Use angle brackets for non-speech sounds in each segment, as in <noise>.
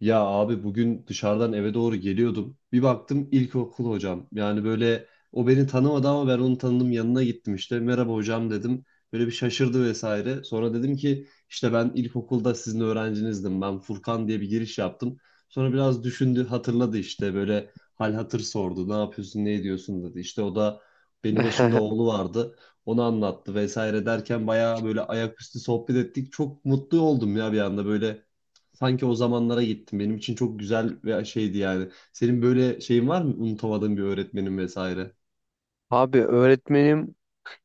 Ya abi bugün dışarıdan eve doğru geliyordum. Bir baktım ilkokul hocam. Yani böyle o beni tanımadı ama ben onu tanıdım, yanına gittim işte. Merhaba hocam dedim. Böyle bir şaşırdı vesaire. Sonra dedim ki işte ben ilkokulda sizin öğrencinizdim. Ben Furkan diye bir giriş yaptım. Sonra biraz düşündü, hatırladı işte, böyle hal hatır sordu. Ne yapıyorsun, ne ediyorsun dedi. İşte o da benim yaşımda <laughs> oğlu vardı. Onu anlattı vesaire derken bayağı böyle ayaküstü sohbet ettik. Çok mutlu oldum ya bir anda böyle. Sanki o zamanlara gittim. Benim için çok güzel ve şeydi yani. Senin böyle şeyin var mı? Unutamadığın bir öğretmenin vesaire. Abi öğretmenim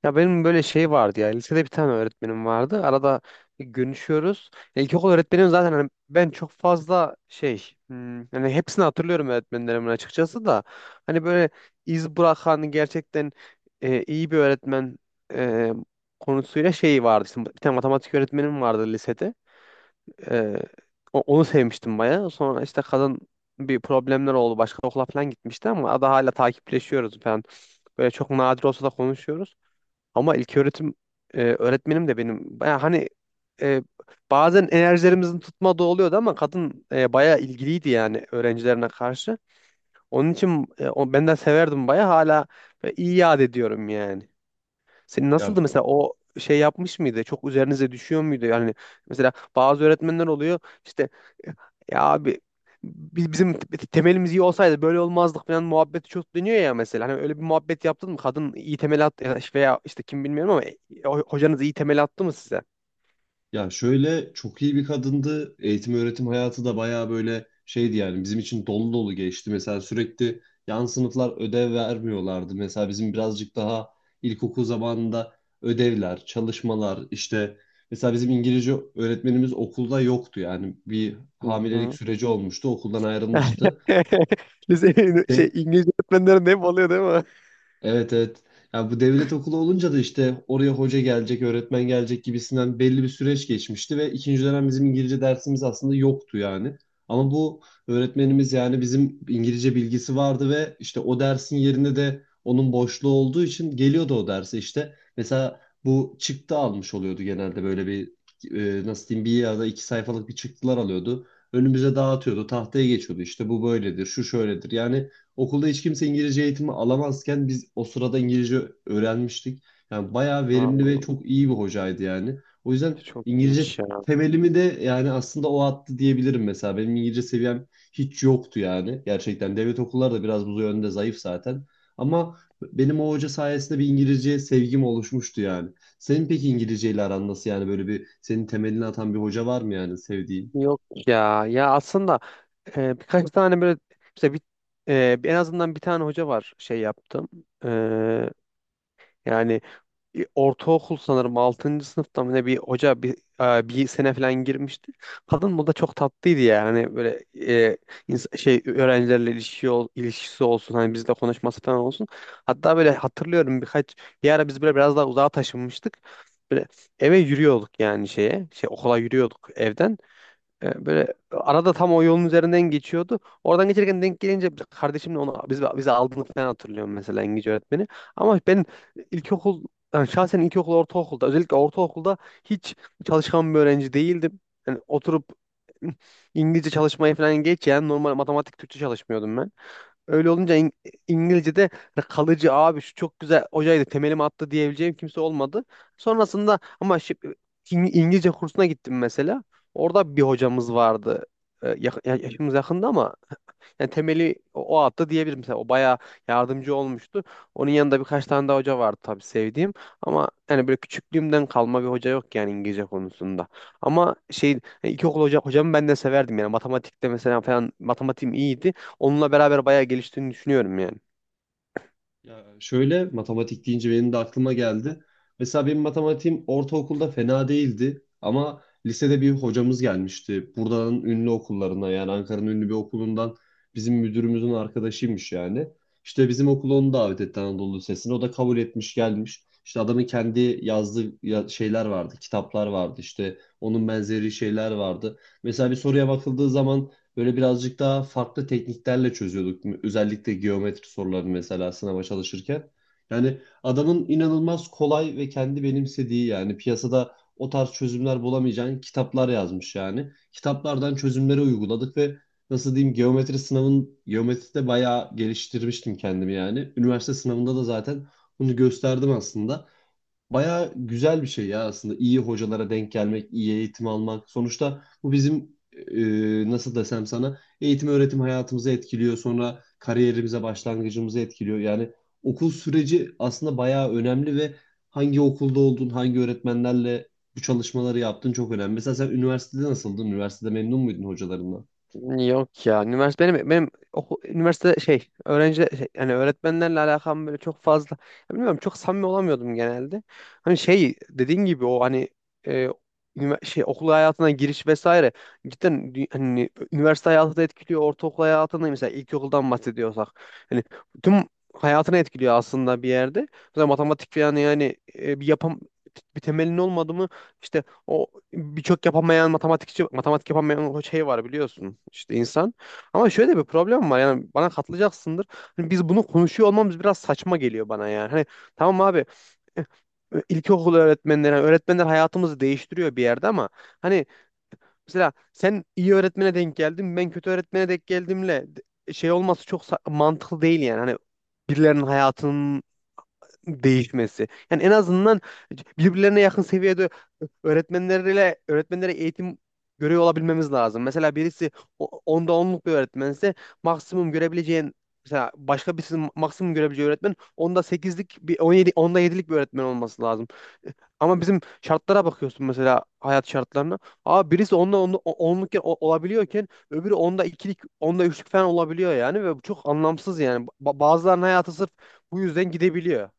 ya benim böyle şey vardı ya lisede bir tane öğretmenim vardı arada görüşüyoruz. Ya İlkokul öğretmenim zaten hani ben çok fazla yani hepsini hatırlıyorum öğretmenlerimin açıkçası da hani böyle iz bırakan gerçekten iyi bir öğretmen e, konusuyla şey vardı. İşte bir tane matematik öğretmenim vardı lisede. Ee, Onu sevmiştim bayağı. Sonra işte kadın bir problemler oldu. Başka okula falan gitmişti ama da hala takipleşiyoruz falan. Böyle çok nadir olsa da konuşuyoruz. Ama ilköğretim öğretmenim de benim bayağı hani e, bazen enerjilerimizin tutmadığı oluyordu ama kadın bayağı ilgiliydi yani öğrencilerine karşı. Onun için ben de severdim bayağı hala böyle iyi yad ediyorum yani. Senin nasıldı Ya mesela o şey yapmış mıydı? Çok üzerinize düşüyor muydu? Yani mesela bazı öğretmenler oluyor işte ya abi temelimiz iyi olsaydı böyle olmazdık falan muhabbeti çok dönüyor ya mesela. Hani öyle bir muhabbet yaptın mı? Kadın iyi temel attı ya da işte- veya işte kim bilmiyorum ama hocanız iyi temel attı mı size? ya şöyle, çok iyi bir kadındı. Eğitim öğretim hayatı da bayağı böyle şeydi yani. Bizim için dolu dolu geçti. Mesela sürekli yan sınıflar ödev vermiyorlardı. Mesela bizim birazcık daha ilkokul zamanında ödevler, çalışmalar işte, mesela bizim İngilizce öğretmenimiz okulda yoktu yani. Bir Hı hamilelik hı. süreci olmuştu. Okuldan ayrılmıştı. <laughs> Lise şey De- İngilizce öğretmenlerin hep oluyor değil mi? Evet, evet. Ya bu devlet okulu olunca da işte oraya hoca gelecek, öğretmen gelecek gibisinden belli bir süreç geçmişti ve ikinci dönem bizim İngilizce dersimiz aslında yoktu yani. Ama bu öğretmenimiz yani bizim, İngilizce bilgisi vardı ve işte o dersin yerinde de onun boşluğu olduğu için geliyordu o derse işte. Mesela bu çıktı almış oluyordu genelde, böyle bir nasıl diyeyim, bir ya da iki sayfalık bir çıktılar alıyordu. Önümüze dağıtıyordu, tahtaya geçiyordu, işte bu böyledir, şu şöyledir. Yani okulda hiç kimse İngilizce eğitimi alamazken biz o sırada İngilizce öğrenmiştik. Yani bayağı verimli ve Vallahi çok iyi bir hocaydı yani. O yüzden çok İngilizce iyiymiş ya. temelimi de yani aslında o attı diyebilirim mesela. Benim İngilizce seviyem hiç yoktu yani. Gerçekten devlet okulları da biraz bu yönde zayıf zaten. Ama benim o hoca sayesinde bir İngilizce sevgim oluşmuştu yani. Senin peki İngilizce ile aran nasıl, yani böyle bir senin temelini atan bir hoca var mı yani sevdiğin? Yok ya. Ya aslında birkaç tane böyle işte bir, en azından bir tane hoca var şey yaptım. E, Yani ortaokul sanırım altıncı sınıfta mı ne bir hoca bir sene falan girmişti. Kadın bu da çok tatlıydı ya. Hani böyle şey ilişkisi olsun hani bizle konuşması falan olsun. Hatta böyle hatırlıyorum bir ara biz böyle biraz daha uzağa taşınmıştık. Böyle eve yürüyorduk yani şeye. Şey okula yürüyorduk evden. Böyle arada tam o yolun üzerinden geçiyordu. Oradan geçerken denk gelince kardeşimle onu biz bize aldığını falan hatırlıyorum mesela İngilizce öğretmeni. Ama ben ilkokul yani şahsen ortaokulda özellikle ortaokulda hiç çalışkan bir öğrenci değildim. Yani oturup İngilizce çalışmayı falan geç yani normal matematik Türkçe çalışmıyordum ben. Öyle olunca İngilizce'de hani kalıcı abi şu çok güzel hocaydı temelimi attı diyebileceğim kimse olmadı. Sonrasında ama İngilizce kursuna gittim mesela. Orada bir hocamız vardı. Yaşımız yakında ama yani temeli o attı diyebilirim. Mesela o bayağı yardımcı olmuştu. Onun yanında birkaç tane daha hoca vardı tabii sevdiğim. Ama yani böyle küçüklüğümden kalma bir hoca yok yani İngilizce konusunda. Ama şey yani ilkokul hocamı ben de severdim yani. Matematikte mesela falan matematiğim iyiydi. Onunla beraber bayağı geliştiğini düşünüyorum yani. Ya şöyle, matematik deyince benim de aklıma geldi. Mesela benim matematiğim ortaokulda fena değildi ama lisede bir hocamız gelmişti. Buradanın ünlü okullarına, yani Ankara'nın ünlü bir okulundan, bizim müdürümüzün arkadaşıymış yani. İşte bizim okula onu davet etti Anadolu Lisesi'ne. O da kabul etmiş, gelmiş. İşte adamın kendi yazdığı şeyler vardı, kitaplar vardı, işte onun benzeri şeyler vardı. Mesela bir soruya bakıldığı zaman böyle birazcık daha farklı tekniklerle çözüyorduk. Özellikle geometri sorularını mesela sınava çalışırken. Yani adamın inanılmaz kolay ve kendi benimsediği, yani piyasada o tarz çözümler bulamayacağın kitaplar yazmış yani. Kitaplardan çözümleri uyguladık ve nasıl diyeyim, geometri sınavın, geometride bayağı geliştirmiştim kendimi yani. Üniversite sınavında da zaten bunu gösterdim aslında. Bayağı güzel bir şey ya aslında. İyi hocalara denk gelmek, iyi eğitim almak. Sonuçta bu bizim nasıl desem sana, eğitim öğretim hayatımızı etkiliyor. Sonra kariyerimize başlangıcımızı etkiliyor. Yani okul süreci aslında bayağı önemli ve hangi okulda oldun, hangi öğretmenlerle bu çalışmaları yaptın çok önemli. Mesela sen üniversitede nasıldın? Üniversitede memnun muydun hocalarından? Yok ya. Üniversite benim üniversite şey yani öğretmenlerle alakam böyle çok fazla ya bilmiyorum çok samimi olamıyordum genelde. Hani şey dediğin gibi o hani e, şey okul hayatına giriş vesaire cidden hani üniversite hayatı da etkiliyor ortaokul hayatını mesela ilkokuldan bahsediyorsak hani tüm hayatını etkiliyor aslında bir yerde. Mesela matematik falan yani bir temelin olmadı mı işte o birçok yapamayan matematikçi matematik yapamayan o şey var biliyorsun işte insan. Ama şöyle bir problem var yani bana katılacaksındır. Hani biz bunu konuşuyor olmamız biraz saçma geliyor bana yani. Hani tamam abi eh, ilkokul öğretmenleri yani öğretmenler hayatımızı değiştiriyor bir yerde ama hani mesela sen iyi öğretmene denk geldin ben kötü öğretmene denk şey olması çok mantıklı değil yani. Hani birilerinin hayatının değişmesi. Yani en azından birbirlerine yakın seviyede öğretmenlere eğitim görüyor olabilmemiz lazım. Mesela birisi onda onluk bir öğretmense maksimum görebileceğin mesela başka birisi maksimum görebileceği öğretmen onda sekizlik bir 17 onda yedilik bir öğretmen olması lazım. Ama bizim şartlara bakıyorsun mesela hayat şartlarına. Aa birisi onda onlukken olabiliyorken öbürü onda ikilik, onda üçlük falan olabiliyor yani ve bu çok anlamsız yani. Bazılarının hayatı sırf bu yüzden gidebiliyor.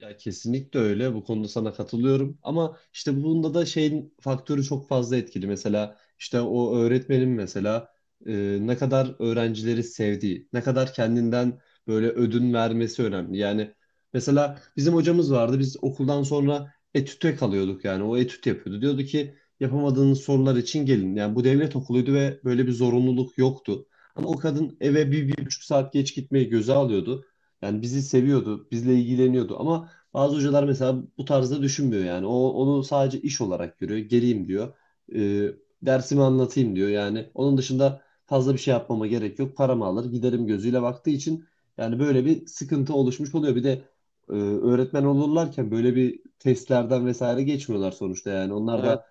Ya kesinlikle öyle. Bu konuda sana katılıyorum. Ama işte bunda da şeyin faktörü çok fazla etkili. Mesela işte o öğretmenin mesela ne kadar öğrencileri sevdiği, ne kadar kendinden böyle ödün vermesi önemli. Yani mesela bizim hocamız vardı. Biz okuldan sonra etüte kalıyorduk yani. O etüt yapıyordu. Diyordu ki yapamadığınız sorular için gelin. Yani bu devlet okuluydu ve böyle bir zorunluluk yoktu. Ama o kadın eve bir buçuk saat geç gitmeyi göze alıyordu. Yani bizi seviyordu, bizle ilgileniyordu ama bazı hocalar mesela bu tarzda düşünmüyor yani. O onu sadece iş olarak görüyor. Geleyim diyor. Ee, Dersimi anlatayım diyor. Yani onun dışında fazla bir şey yapmama gerek yok. Paramı alır giderim gözüyle baktığı için yani böyle bir sıkıntı oluşmuş oluyor. Bir de öğretmen olurlarken böyle bir testlerden vesaire geçmiyorlar sonuçta yani. Onlar Evet. da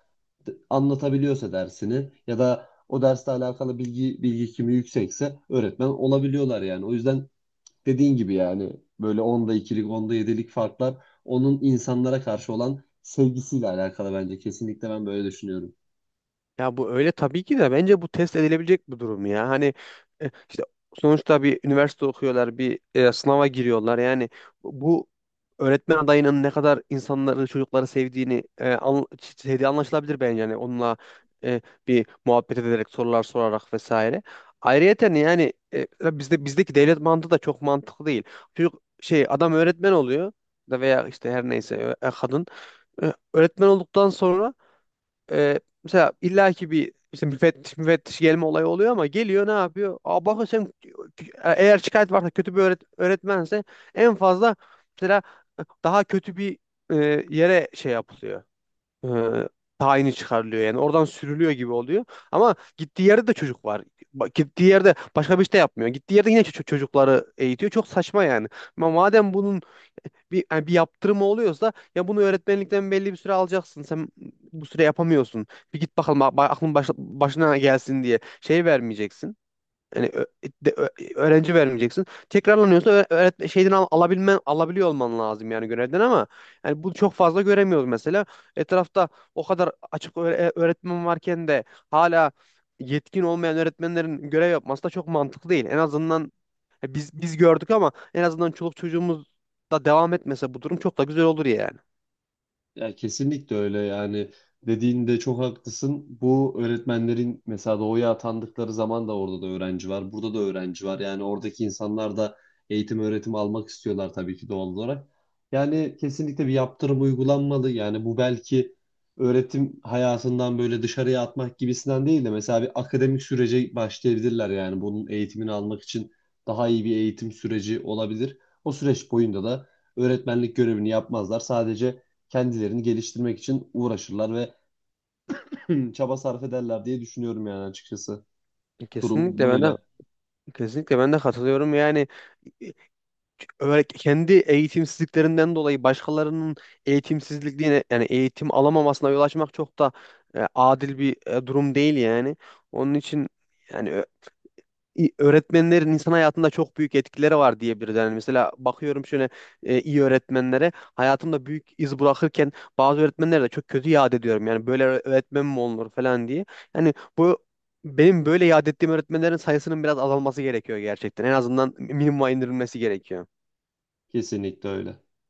anlatabiliyorsa dersini ya da o dersle alakalı bilgi kimi yüksekse öğretmen olabiliyorlar yani. O yüzden dediğin gibi yani böyle onda ikilik, onda yedilik farklar onun insanlara karşı olan sevgisiyle alakalı bence. Kesinlikle ben böyle düşünüyorum. Ya bu öyle tabii ki de bence bu test edilebilecek bir durum ya. Hani işte sonuçta bir üniversite okuyorlar, bir sınava giriyorlar. Yani bu öğretmen adayının ne kadar insanları, çocukları sevdiği anlaşılabilir bence. Yani onunla e, bir muhabbet ederek, sorular sorarak vesaire. Ayrıyeten yani bizdeki devlet mantığı da çok mantıklı değil. Çocuk şey adam öğretmen oluyor da veya işte her neyse kadın öğretmen olduktan sonra mesela illaki bir işte müfettiş gelme olayı oluyor ama geliyor ne yapıyor? Aa, bakın sen eğer şikayet varsa kötü bir öğretmense en fazla mesela daha kötü bir yere şey yapılıyor. E, Tayini çıkarılıyor yani oradan sürülüyor gibi oluyor. Ama gittiği yerde de çocuk var. Gittiği yerde başka bir şey de yapmıyor. Gittiği yerde yine çocukları eğitiyor. Çok saçma yani. Ama madem bunun bir yaptırımı oluyorsa ya bunu öğretmenlikten belli bir süre alacaksın. Sen bu süre yapamıyorsun. Bir git bakalım aklın başına gelsin diye şey vermeyeceksin. Yani de- ö- öğrenci vermeyeceksin. Tekrarlanıyorsa öğretmen şeyden al- alabilmen alabiliyor olman lazım yani görevden ama yani bu çok fazla göremiyoruz mesela. Etrafta o kadar açık öğretmen varken de hala yetkin olmayan öğretmenlerin görev yapması da çok mantıklı değil. En azından ya biz gördük ama en azından çoluk çocuğumuz da devam etmese bu durum çok da güzel olur yani. Ya kesinlikle öyle yani, dediğinde çok haklısın. Bu öğretmenlerin mesela doğuya atandıkları zaman da orada da öğrenci var, burada da öğrenci var. Yani oradaki insanlar da eğitim öğretim almak istiyorlar tabii ki doğal olarak. Yani kesinlikle bir yaptırım uygulanmalı. Yani bu belki öğretim hayatından böyle dışarıya atmak gibisinden değil de mesela bir akademik sürece başlayabilirler yani bunun eğitimini almak için daha iyi bir eğitim süreci olabilir. O süreç boyunda da öğretmenlik görevini yapmazlar. Sadece kendilerini geliştirmek için uğraşırlar ve <clears throat> çaba sarf ederler diye düşünüyorum yani açıkçası. Durum Kesinlikle ben de böyle. kesinlikle ben de katılıyorum. Yani e, öyle kendi eğitimsizliklerinden dolayı başkalarının eğitimsizliğine yani eğitim alamamasına yol açmak çok da adil bir durum değil yani. Onun için yani öğretmenlerin insan hayatında çok büyük etkileri var diyebiliriz. Yani mesela bakıyorum şöyle iyi öğretmenlere hayatımda büyük iz bırakırken bazı öğretmenlere de çok kötü yad ediyorum. Yani böyle öğretmen mi olur falan diye. Yani bu benim böyle yad ettiğim öğretmenlerin sayısının biraz azalması gerekiyor gerçekten. En azından minimuma indirilmesi gerekiyor. Kesinlikle öyle.